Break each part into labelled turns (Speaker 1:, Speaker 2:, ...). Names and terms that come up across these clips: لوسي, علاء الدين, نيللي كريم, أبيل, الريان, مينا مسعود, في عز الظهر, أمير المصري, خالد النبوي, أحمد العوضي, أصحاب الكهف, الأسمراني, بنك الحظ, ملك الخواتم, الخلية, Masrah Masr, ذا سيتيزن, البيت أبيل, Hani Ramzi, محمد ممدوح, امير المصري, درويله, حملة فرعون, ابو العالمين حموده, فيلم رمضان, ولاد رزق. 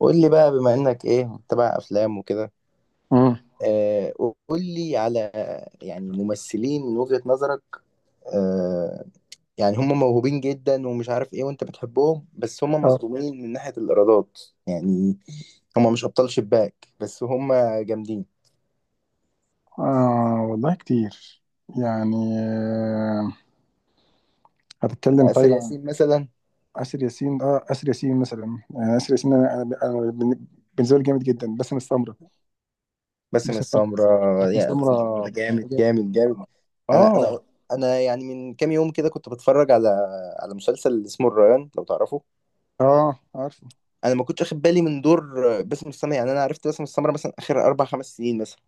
Speaker 1: قول لي بقى، بما انك ايه، متابع افلام وكده.
Speaker 2: مم.
Speaker 1: آه، قول لي على يعني ممثلين من وجهة نظرك، آه، يعني هم موهوبين جدا ومش عارف ايه وانت بتحبهم بس هم
Speaker 2: اه.
Speaker 1: مظلومين من ناحية الايرادات. يعني هم مش ابطال شباك بس هم جامدين.
Speaker 2: آه، والله كتير. يعني هتتكلم
Speaker 1: آسر
Speaker 2: طيب عن
Speaker 1: ياسين مثلا،
Speaker 2: آسر ياسين. اه آسر ياسين مثلا، آسر ياسين، أنا- أنا بن- بالنسبة لي جامد جدا. باسم السمرة،
Speaker 1: باسم
Speaker 2: باسم السمرة،
Speaker 1: السمرة.
Speaker 2: باسم
Speaker 1: يا باسم السمرة
Speaker 2: السمرة،
Speaker 1: ده جامد
Speaker 2: بجد.
Speaker 1: جامد جامد. انا
Speaker 2: اه
Speaker 1: انا انا يعني من كام يوم كده كنت بتفرج على مسلسل اسمه الريان لو تعرفه.
Speaker 2: اه. آه، عارفه.
Speaker 1: انا ما كنتش واخد بالي من دور باسم السمرة، يعني انا عرفت باسم السمرة مثلا اخر اربع خمس سنين مثلا.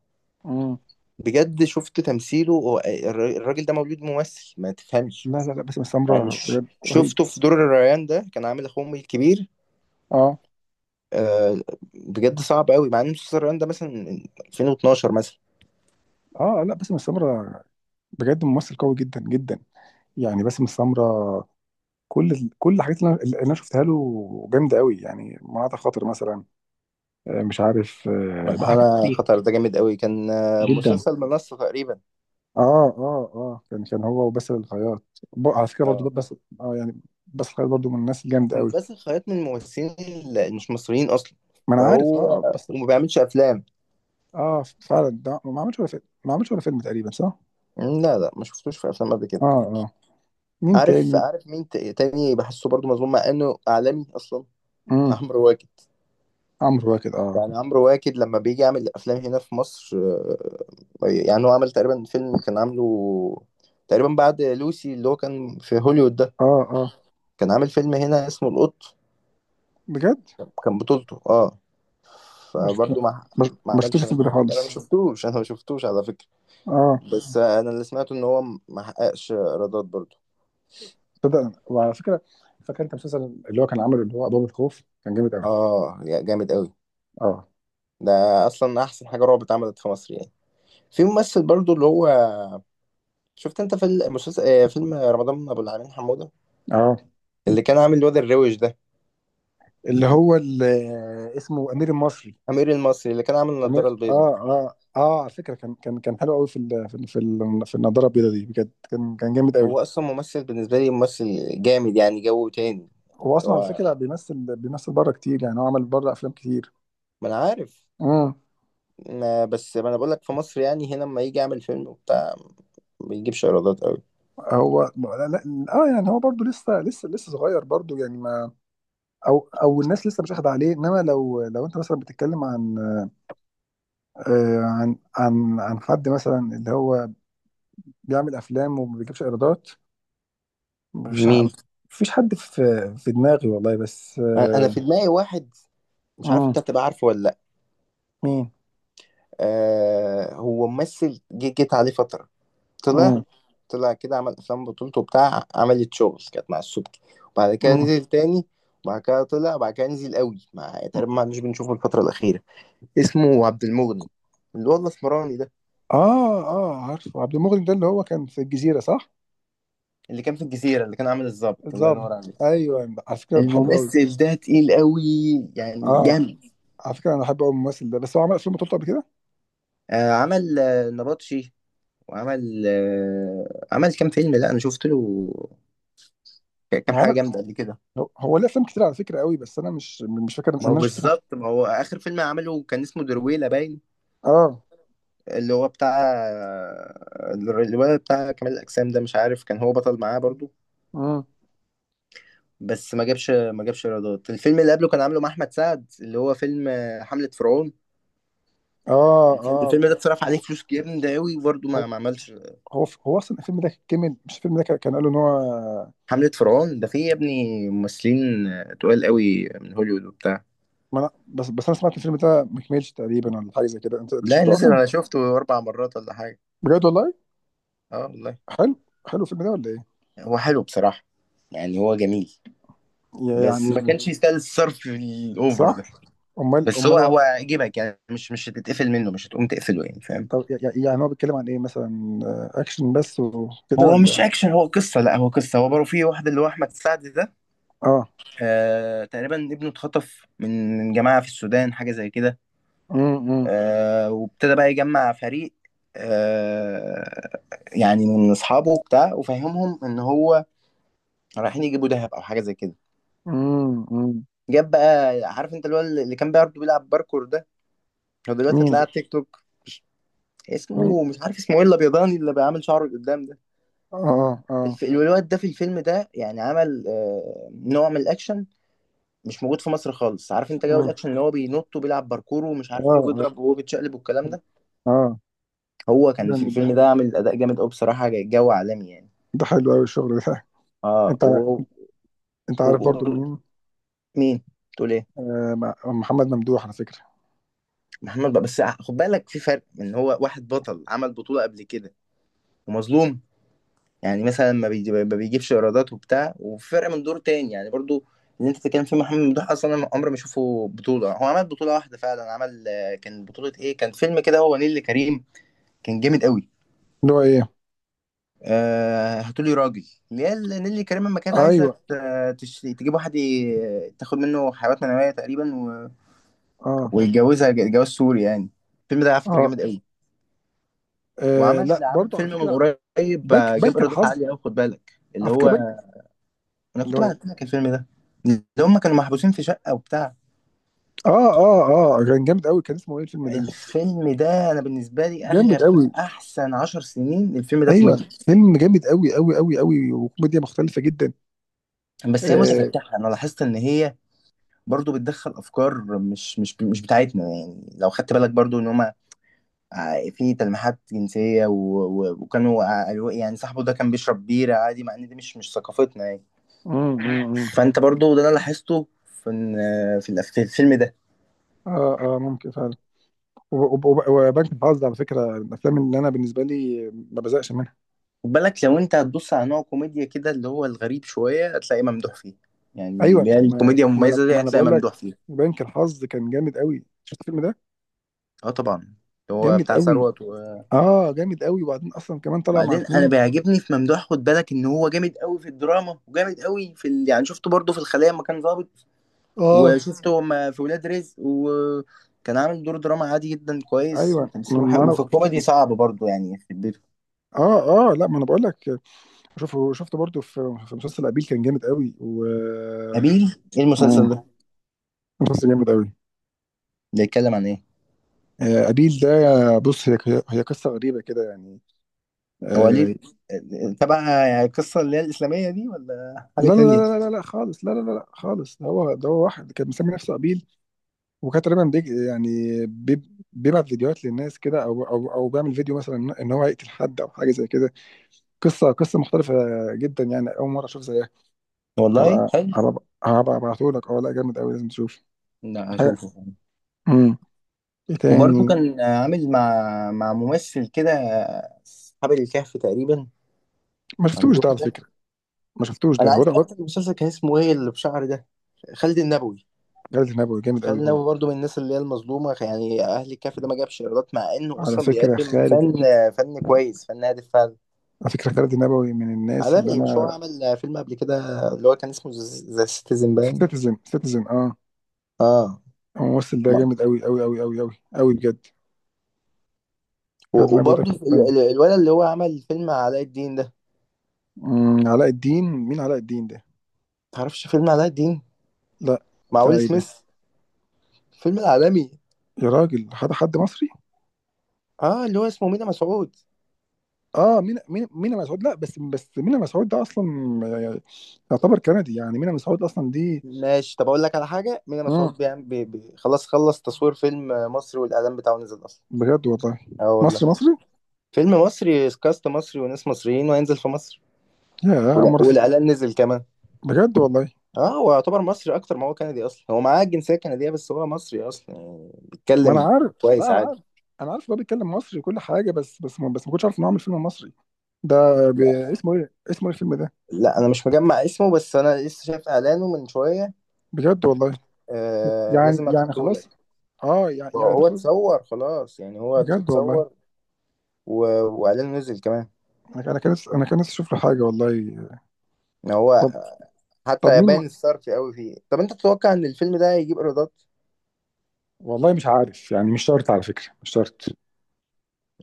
Speaker 2: مم.
Speaker 1: بجد شفت تمثيله، هو الراجل ده مولود ممثل ما تفهمش.
Speaker 2: لا لا لا، باسم
Speaker 1: يعني
Speaker 2: السمرة بجد رهيب.
Speaker 1: شفته في دور الريان ده كان عامل اخوه امي الكبير.
Speaker 2: اه
Speaker 1: آه، بجد صعب قوي مع ان مسلسل الريان ده مثلا من 2012 مثلا.
Speaker 2: اه، لا باسم السمرة بجد ممثل قوي جدا جدا. يعني باسم السمرة، كل الحاجات اللي أنا شفتها له جامدة قوي. يعني مناطق خاطر مثلا، مش عارف، لا حاجات
Speaker 1: انا
Speaker 2: كتير
Speaker 1: خطر ده جامد قوي كان، آه،
Speaker 2: جدا.
Speaker 1: مسلسل منصة تقريبا.
Speaker 2: اه اه اه، كان هو وباسل الخياط، على فكره برضو
Speaker 1: اه،
Speaker 2: بس. اه يعني باسل الخياط برضو من الناس الجامده
Speaker 1: عشان
Speaker 2: قوي.
Speaker 1: بس خيط من الممثلين اللي مش مصريين اصلا،
Speaker 2: ما انا عارف اه
Speaker 1: فهو
Speaker 2: اه بس.
Speaker 1: وما بيعملش افلام.
Speaker 2: اه فعلا، ده ما عملش ولا فيلم، ما عملش ولا فيلم تقريبا، صح؟
Speaker 1: لا لا، ما شفتوش في افلام قبل كده.
Speaker 2: اه اه. مين
Speaker 1: عارف
Speaker 2: تاني؟
Speaker 1: عارف مين تاني بحسه برضو مظلوم مع انه اعلامي اصلا؟
Speaker 2: امم
Speaker 1: عمرو واكد.
Speaker 2: عمرو واكد. اه
Speaker 1: يعني عمرو واكد لما بيجي يعمل افلام هنا في مصر، آه، يعني هو عمل تقريبا فيلم كان عامله تقريبا بعد لوسي اللي هو كان في هوليوود ده،
Speaker 2: اه اه.
Speaker 1: كان عامل فيلم هنا اسمه القط،
Speaker 2: بجد؟
Speaker 1: كان بطولته، اه،
Speaker 2: ما شفت-
Speaker 1: فبرضه ما
Speaker 2: ما شفتوش
Speaker 1: عملش
Speaker 2: في
Speaker 1: نجاح.
Speaker 2: البداية
Speaker 1: انا ما
Speaker 2: خالص.
Speaker 1: شفتوش، انا ما شفتوش على فكرة.
Speaker 2: اه،
Speaker 1: بس آه، انا اللي سمعته ان هو ما حققش ايرادات برضه.
Speaker 2: صدق. وعلى فكره، فاكر انت المسلسل اللي هو كان عامله، اللي هو ابواب الخوف، كان جامد قوي.
Speaker 1: اه، يا جامد قوي
Speaker 2: اه
Speaker 1: ده، اصلا احسن حاجة رعب اتعملت في مصر يعني. في ممثل برضو اللي هو، شفت انت في المسلسل، آه، فيلم رمضان ابو العالمين حموده،
Speaker 2: اه.
Speaker 1: اللي كان عامل الواد الروش ده،
Speaker 2: اللي هو ال- اسمه امير المصري.
Speaker 1: امير المصري، اللي كان عامل
Speaker 2: امير،
Speaker 1: النضاره البيضاء.
Speaker 2: اه اه اه. على فكره كان حلو قوي في النضاره البيضاء دي، بجد كان جامد قوي.
Speaker 1: هو اصلا ممثل، بالنسبه لي ممثل جامد يعني جو تاني.
Speaker 2: هو اصلا على
Speaker 1: هو
Speaker 2: فكره بيمثل بيمثل بره كتير، يعني هو عمل بره افلام كتير.
Speaker 1: ما انا عارف،
Speaker 2: امم.
Speaker 1: ما بس ما انا بقول لك في مصر يعني، هنا لما يجي يعمل فيلم وبتاع ما بيجيبش ايرادات قوي.
Speaker 2: هو لا لا. اه يعني هو برضه لسه صغير برضه، يعني ما، او او الناس لسه مش واخده عليه. انما لو انت مثلا بتتكلم عن، عن عن حد مثلا اللي هو بيعمل افلام وما بيجيبش ايرادات. مش ع-
Speaker 1: مين؟
Speaker 2: مفيش حد في في دماغي والله، بس
Speaker 1: انا في دماغي واحد، مش عارف
Speaker 2: مم.
Speaker 1: انت هتبقى عارفه ولا لا.
Speaker 2: مين؟
Speaker 1: آه، هو ممثل جيت عليه فتره، طلع،
Speaker 2: مم.
Speaker 1: طلع كده عمل افلام بطولته بتاع، عملت شغل كانت مع السبكي، وبعد كده
Speaker 2: مم.
Speaker 1: نزل تاني، وبعد كده طلع، وبعد كده نزل قوي مع تقريبا ما عدناش بنشوفه الفترة الأخيرة. اسمه عبد المغني، اللي هو الأسمراني ده،
Speaker 2: اه اه، عارفه عبد المغني ده، اللي هو كان في الجزيرة، صح؟
Speaker 1: اللي كان في الجزيرة، اللي كان عامل الضابط الله ينور
Speaker 2: الظابط
Speaker 1: عليك.
Speaker 2: ايوه، على فكرة بحبه قوي.
Speaker 1: الممثل ده تقيل قوي، يعني
Speaker 2: اه،
Speaker 1: جامد.
Speaker 2: على فكرة انا بحبه قوي الممثل ده، بس هو عمل افلام بطولته قبل كده.
Speaker 1: آه، عمل آه نبطشي، وعمل آه عمل كام فيلم، لا انا شفت له كام
Speaker 2: هو
Speaker 1: حاجه
Speaker 2: عمل،
Speaker 1: جامده قبل كده.
Speaker 2: هو ليه افلام كتير على فكرة قوي، بس انا مش فاكر.
Speaker 1: ما
Speaker 2: انا
Speaker 1: هو
Speaker 2: مش،
Speaker 1: بالظبط، ما هو اخر فيلم عمله كان اسمه درويله باين،
Speaker 2: اه.
Speaker 1: اللي هو بتاع الولد بتاع كمال الأجسام ده، مش عارف كان هو بطل معاه برضو،
Speaker 2: مم.
Speaker 1: بس ما جابش، ما جابش ايرادات. الفيلم اللي قبله كان عامله مع أحمد سعد، اللي هو فيلم آه، حملة فرعون.
Speaker 2: اه اه.
Speaker 1: الفيلم ده اتصرف عليه
Speaker 2: هو
Speaker 1: فلوس جامدة قوي برضو،
Speaker 2: هو
Speaker 1: ما ما عملش.
Speaker 2: هو اصلا الفيلم ده كمل. مش الفيلم ده، كان قالوا ان هو،
Speaker 1: حملة فرعون ده فيه يا ابني ممثلين آه، تقال قوي من هوليوود وبتاع.
Speaker 2: ما أنا بس انا سمعت الفيلم ده ما كملش تقريبا، ولا حاجه زي كده؟ انت انت
Speaker 1: لا
Speaker 2: شفته
Speaker 1: نزل،
Speaker 2: اصلا؟
Speaker 1: أنا شفته أربع مرات ولا حاجة.
Speaker 2: بجد والله.
Speaker 1: اه والله.
Speaker 2: حلو، حلو الفيلم ده ولا ايه؟
Speaker 1: هو حلو بصراحة، يعني هو جميل، بس
Speaker 2: يعني
Speaker 1: ما كانش يستاهل الصرف الأوفر
Speaker 2: صح.
Speaker 1: ده.
Speaker 2: امال
Speaker 1: بس هو
Speaker 2: امال هو؟
Speaker 1: هو يجيبك يعني، مش مش هتتقفل منه، مش هتقوم تقفله يعني، فاهم.
Speaker 2: طب، يعني هو بيتكلم عن ايه مثلا، اكشن بس وكده
Speaker 1: هو مش
Speaker 2: ولا؟
Speaker 1: اكشن، هو قصه، لا هو قصه، هو برضه في واحد اللي هو احمد سعد ده،
Speaker 2: اه.
Speaker 1: آه تقريبا ابنه اتخطف من جماعه في السودان حاجه زي كده.
Speaker 2: امم
Speaker 1: آه، وابتدى بقى يجمع فريق، آه، يعني من اصحابه وبتاع، وفهمهم ان هو رايحين يجيبوا دهب او حاجه زي كده.
Speaker 2: امم.
Speaker 1: جاب بقى، عارف انت اللي هو، اللي كان برضه بيلعب باركور ده، هو دلوقتي
Speaker 2: مين
Speaker 1: طلع على
Speaker 2: ده؟
Speaker 1: تيك توك،
Speaker 2: مين؟
Speaker 1: اسمه مش عارف اسمه ايه، الابيضاني اللي بيعمل شعره لقدام ده.
Speaker 2: اه اه اه.
Speaker 1: الواد ده في الفيلم ده يعني عمل آه، نوع من الاكشن مش موجود في مصر خالص. عارف انت جو
Speaker 2: مم.
Speaker 1: الاكشن اللي هو بينط وبيلعب باركور ومش
Speaker 2: اه
Speaker 1: عارف ايه وبيضرب
Speaker 2: اه
Speaker 1: وهو بيتشقلب والكلام ده.
Speaker 2: اه.
Speaker 1: هو كان في
Speaker 2: جامد ده،
Speaker 1: الفيلم ده عامل اداء جامد قوي بصراحه، جو عالمي يعني.
Speaker 2: ده حلو قوي الشغل ده.
Speaker 1: اه
Speaker 2: انت
Speaker 1: و...
Speaker 2: انت
Speaker 1: و...
Speaker 2: عارف برضو
Speaker 1: و...
Speaker 2: مين؟
Speaker 1: مين؟ تقول ايه؟
Speaker 2: محمد ممدوح على فكره.
Speaker 1: محمد بقى، بس خد بالك في فرق، ان هو واحد بطل عمل بطوله قبل كده ومظلوم يعني مثلا ما بيجيبش ايرادات وبتاع، وفرق من دور تاني يعني برضو. اللي انت بتتكلم فيه محمد ممدوح اصلا انا عمري ما اشوفه بطوله، هو عمل بطوله واحده فعلا، عمل آه، كان بطوله ايه، كان فيلم كده هو نيللي كريم، كان جامد قوي.
Speaker 2: اللي هو ايه؟
Speaker 1: آه، هاتولي راجل، اللي هي نيللي كريم لما كانت عايزه
Speaker 2: ايوه.
Speaker 1: تجيب واحد تاخد منه حيوانات منويه تقريبا، و...
Speaker 2: اه
Speaker 1: ويتجوزها جواز سوري يعني. الفيلم ده على فكره
Speaker 2: اه،
Speaker 1: جامد قوي.
Speaker 2: لا
Speaker 1: وعمل عمل
Speaker 2: برضو على
Speaker 1: فيلم من
Speaker 2: فكره.
Speaker 1: قريب،
Speaker 2: بنك
Speaker 1: آه، جاب
Speaker 2: بنك
Speaker 1: ايرادات
Speaker 2: الحظ،
Speaker 1: عاليه قوي، خد بالك
Speaker 2: على
Speaker 1: اللي
Speaker 2: فكره بنك.
Speaker 1: هو، انا
Speaker 2: اللي
Speaker 1: كنت
Speaker 2: هو
Speaker 1: بعت
Speaker 2: إيه؟
Speaker 1: لك الفيلم ده، اللي هم كانوا محبوسين في شقة وبتاع.
Speaker 2: اه اه اه، كان جامد قوي. كان اسمه ايه الفيلم ده؟
Speaker 1: الفيلم ده انا بالنسبة لي
Speaker 2: جامد
Speaker 1: اخر
Speaker 2: قوي.
Speaker 1: احسن عشر سنين الفيلم ده
Speaker 2: ايوه،
Speaker 1: كوميديا.
Speaker 2: فيلم جامد قوي قوي قوي قوي، وكوميديا مختلفه جدا.
Speaker 1: بس هي
Speaker 2: اه.
Speaker 1: متفتحة، انا لاحظت ان هي برضو بتدخل افكار مش مش بتاعتنا يعني، لو خدت بالك برضو ان هم في تلميحات جنسية وكانوا آه، قالوا إيه، يعني صاحبه ده كان بيشرب بيرة عادي مع ان دي مش ثقافتنا يعني.
Speaker 2: مم، مم، مم.
Speaker 1: فانت برضو ده انا لاحظته في في الفيلم ده.
Speaker 2: اه اه، ممكن فعلا. وبنك الحظ على فكره من الافلام اللي انا بالنسبه لي ما بزقش منها.
Speaker 1: خد بالك لو انت هتبص على نوع كوميديا كده اللي هو الغريب شوية هتلاقيه ممدوح فيه، يعني
Speaker 2: ايوه
Speaker 1: اللي هي
Speaker 2: ما،
Speaker 1: الكوميديا
Speaker 2: ما انا،
Speaker 1: المميزة
Speaker 2: ما
Speaker 1: دي
Speaker 2: انا
Speaker 1: هتلاقي
Speaker 2: بقول لك
Speaker 1: ممدوح فيها.
Speaker 2: بنك الحظ كان جامد قوي. شفت الفيلم ده؟
Speaker 1: اه طبعا اللي هو
Speaker 2: جامد
Speaker 1: بتاع
Speaker 2: قوي.
Speaker 1: ثروت.
Speaker 2: اه جامد قوي، وبعدين اصلا كمان طلع مع
Speaker 1: وبعدين انا
Speaker 2: اتنين.
Speaker 1: بيعجبني في ممدوح، خد بالك ان هو جامد قوي في الدراما وجامد قوي في يعني شفته برضه في الخلية لما كان ظابط،
Speaker 2: اه
Speaker 1: وشفته لما في ولاد رزق وكان عامل دور دراما عادي جدا كويس
Speaker 2: ايوه ما،
Speaker 1: وتمثيله
Speaker 2: ما
Speaker 1: حلو،
Speaker 2: انا،
Speaker 1: وفي الكوميدي صعب برضه يعني في البيت.
Speaker 2: اه اه، لا ما انا بقول لك، شوفه، شفته برضه في في مسلسل ابيل كان جامد قوي. و،
Speaker 1: أبيل، ايه المسلسل
Speaker 2: مم.
Speaker 1: ده؟
Speaker 2: مسلسل جامد قوي.
Speaker 1: بيتكلم عن ايه؟
Speaker 2: ابيل ده، بص، هي، هي قصه غريبه كده يعني،
Speaker 1: هو
Speaker 2: آه،
Speaker 1: ليه تبع القصة اللي هي الإسلامية دي ولا حاجة
Speaker 2: لا لا
Speaker 1: تانية؟
Speaker 2: لا لا لا لا خالص، لا لا لا لا خالص. ده هو، ده هو واحد كان مسمي نفسه ابيل، وكان تقريبا يعني، بيبعت فيديوهات للناس كده، او او او بيعمل فيديو مثلا ان إن هو هيقتل حد او حاجه زي كده. قصه، قصه مختلفه جدا، يعني اول مره اشوف زيها.
Speaker 1: والله
Speaker 2: هبقى
Speaker 1: حلو،
Speaker 2: هبقى هبقى ابعته لك. اه لا، جامد قوي، لازم تشوف
Speaker 1: لا
Speaker 2: حاجه.
Speaker 1: هشوفه.
Speaker 2: امم. ايه
Speaker 1: وبرضه
Speaker 2: تاني؟
Speaker 1: كان عامل مع ممثل كده، أصحاب الكهف تقريبا،
Speaker 2: ما شفتوش ده
Speaker 1: عندهم
Speaker 2: على
Speaker 1: ده.
Speaker 2: فكره. ما شفتوش
Speaker 1: أنا
Speaker 2: ده، هو
Speaker 1: عايز
Speaker 2: ده
Speaker 1: بقى،
Speaker 2: هو.
Speaker 1: بطل المسلسل كان اسمه إيه اللي بشعر ده؟ خالد النبوي.
Speaker 2: خالد النبوي جامد
Speaker 1: خالد
Speaker 2: قوي
Speaker 1: النبوي
Speaker 2: برضه.
Speaker 1: برضه من الناس اللي هي المظلومة يعني. أهل الكهف ده ما جابش إيرادات مع إنه
Speaker 2: على
Speaker 1: أصلا
Speaker 2: فكره
Speaker 1: بيقدم
Speaker 2: خالد،
Speaker 1: فن، فن كويس، فن هادف فعلا.
Speaker 2: على فكره خالد النبوي من الناس
Speaker 1: على
Speaker 2: اللي
Speaker 1: رأيي، مش هو
Speaker 2: انا.
Speaker 1: عمل فيلم قبل كده اللي هو كان اسمه ذا سيتيزن باين؟
Speaker 2: سيتيزن، سيتيزن اه.
Speaker 1: آه،
Speaker 2: هو الممثل ده جامد قوي قوي قوي قوي قوي قوي بجد. خالد
Speaker 1: و-
Speaker 2: النبوي ده
Speaker 1: وبرضه
Speaker 2: في الثانيه.
Speaker 1: الولد اللي هو عمل فيلم علاء الدين ده،
Speaker 2: أمم، علاء الدين مين؟ علاء الدين ده؟
Speaker 1: متعرفش فيلم علاء الدين
Speaker 2: لا.
Speaker 1: مع
Speaker 2: بتاع
Speaker 1: ويل
Speaker 2: ايه ده؟
Speaker 1: سميث، الفيلم العالمي؟
Speaker 2: يا راجل، حد حد مصري؟
Speaker 1: اه، اللي هو اسمه مينا مسعود.
Speaker 2: اه مين، مين، مين مسعود. لا بس، بس مين مسعود ده اصلا يعني يعتبر كندي، يعني مين مسعود اصلا دي.
Speaker 1: ماشي، طب اقول لك على حاجه، مينا
Speaker 2: امم.
Speaker 1: مسعود بيعمل بي بي خلاص خلص تصوير فيلم مصري والاعلان بتاعه نزل اصلا.
Speaker 2: بجد والله.
Speaker 1: اه والله.
Speaker 2: مصري مصري.
Speaker 1: فيلم مصري، كاست مصري وناس مصريين، وهينزل في مصر.
Speaker 2: يا، اول
Speaker 1: ولا
Speaker 2: مره أسمع.
Speaker 1: والاعلان نزل كمان.
Speaker 2: بجد والله.
Speaker 1: اه، هو يعتبر مصري اكتر ما هو كندي، اصلا هو معاه الجنسيه الكنديه بس هو مصري اصلا، يعني
Speaker 2: ما انا
Speaker 1: بيتكلم
Speaker 2: عارف، لا
Speaker 1: كويس
Speaker 2: انا عارف.
Speaker 1: عادي.
Speaker 2: انا عارف إن هو بيتكلم مصري وكل حاجه، بس بس ما بس ما كنتش عارف انه عامل فيلم مصري ده. ب... اسمه ايه، اسمه ايه الفيلم ده؟
Speaker 1: لا انا مش مجمع اسمه، بس انا لسه شايف اعلانه من شويه.
Speaker 2: بجد والله.
Speaker 1: آه،
Speaker 2: يعني،
Speaker 1: لازم
Speaker 2: يعني
Speaker 1: ابعتهولك.
Speaker 2: خلاص. اه يعني ده
Speaker 1: هو
Speaker 2: خلاص.
Speaker 1: اتصور خلاص، يعني هو
Speaker 2: بجد والله.
Speaker 1: اتصور، و... واعلانه نزل كمان.
Speaker 2: انا، انا كان نفسي اشوف له حاجه والله.
Speaker 1: ان هو
Speaker 2: طب. طب
Speaker 1: حتى
Speaker 2: مين؟
Speaker 1: يبان الصرف قوي فيه. طب انت تتوقع ان الفيلم ده هيجيب ايرادات؟
Speaker 2: والله مش عارف، يعني مش شرط على فكره. مش شرط،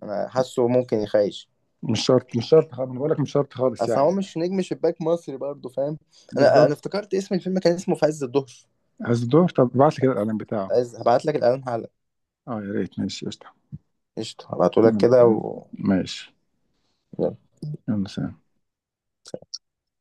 Speaker 1: انا حاسه ممكن يخيش،
Speaker 2: مش شرط مش شرط خالص، انا بقول لك مش شرط خالص
Speaker 1: اصل هو
Speaker 2: يعني يعني.
Speaker 1: مش نجم شباك مصري برضه، فاهم. انا
Speaker 2: بالظبط.
Speaker 1: افتكرت اسم الفيلم، كان اسمه في عز الظهر.
Speaker 2: هزدور؟ طب ابعت لي كده الاعلان بتاعه.
Speaker 1: عايز، هبعت لك الاعلان حالا.
Speaker 2: اه يا ريت، ماشي قشطه.
Speaker 1: قشطه، هبعته لك كده و...
Speaker 2: ماشي. يلا سلام.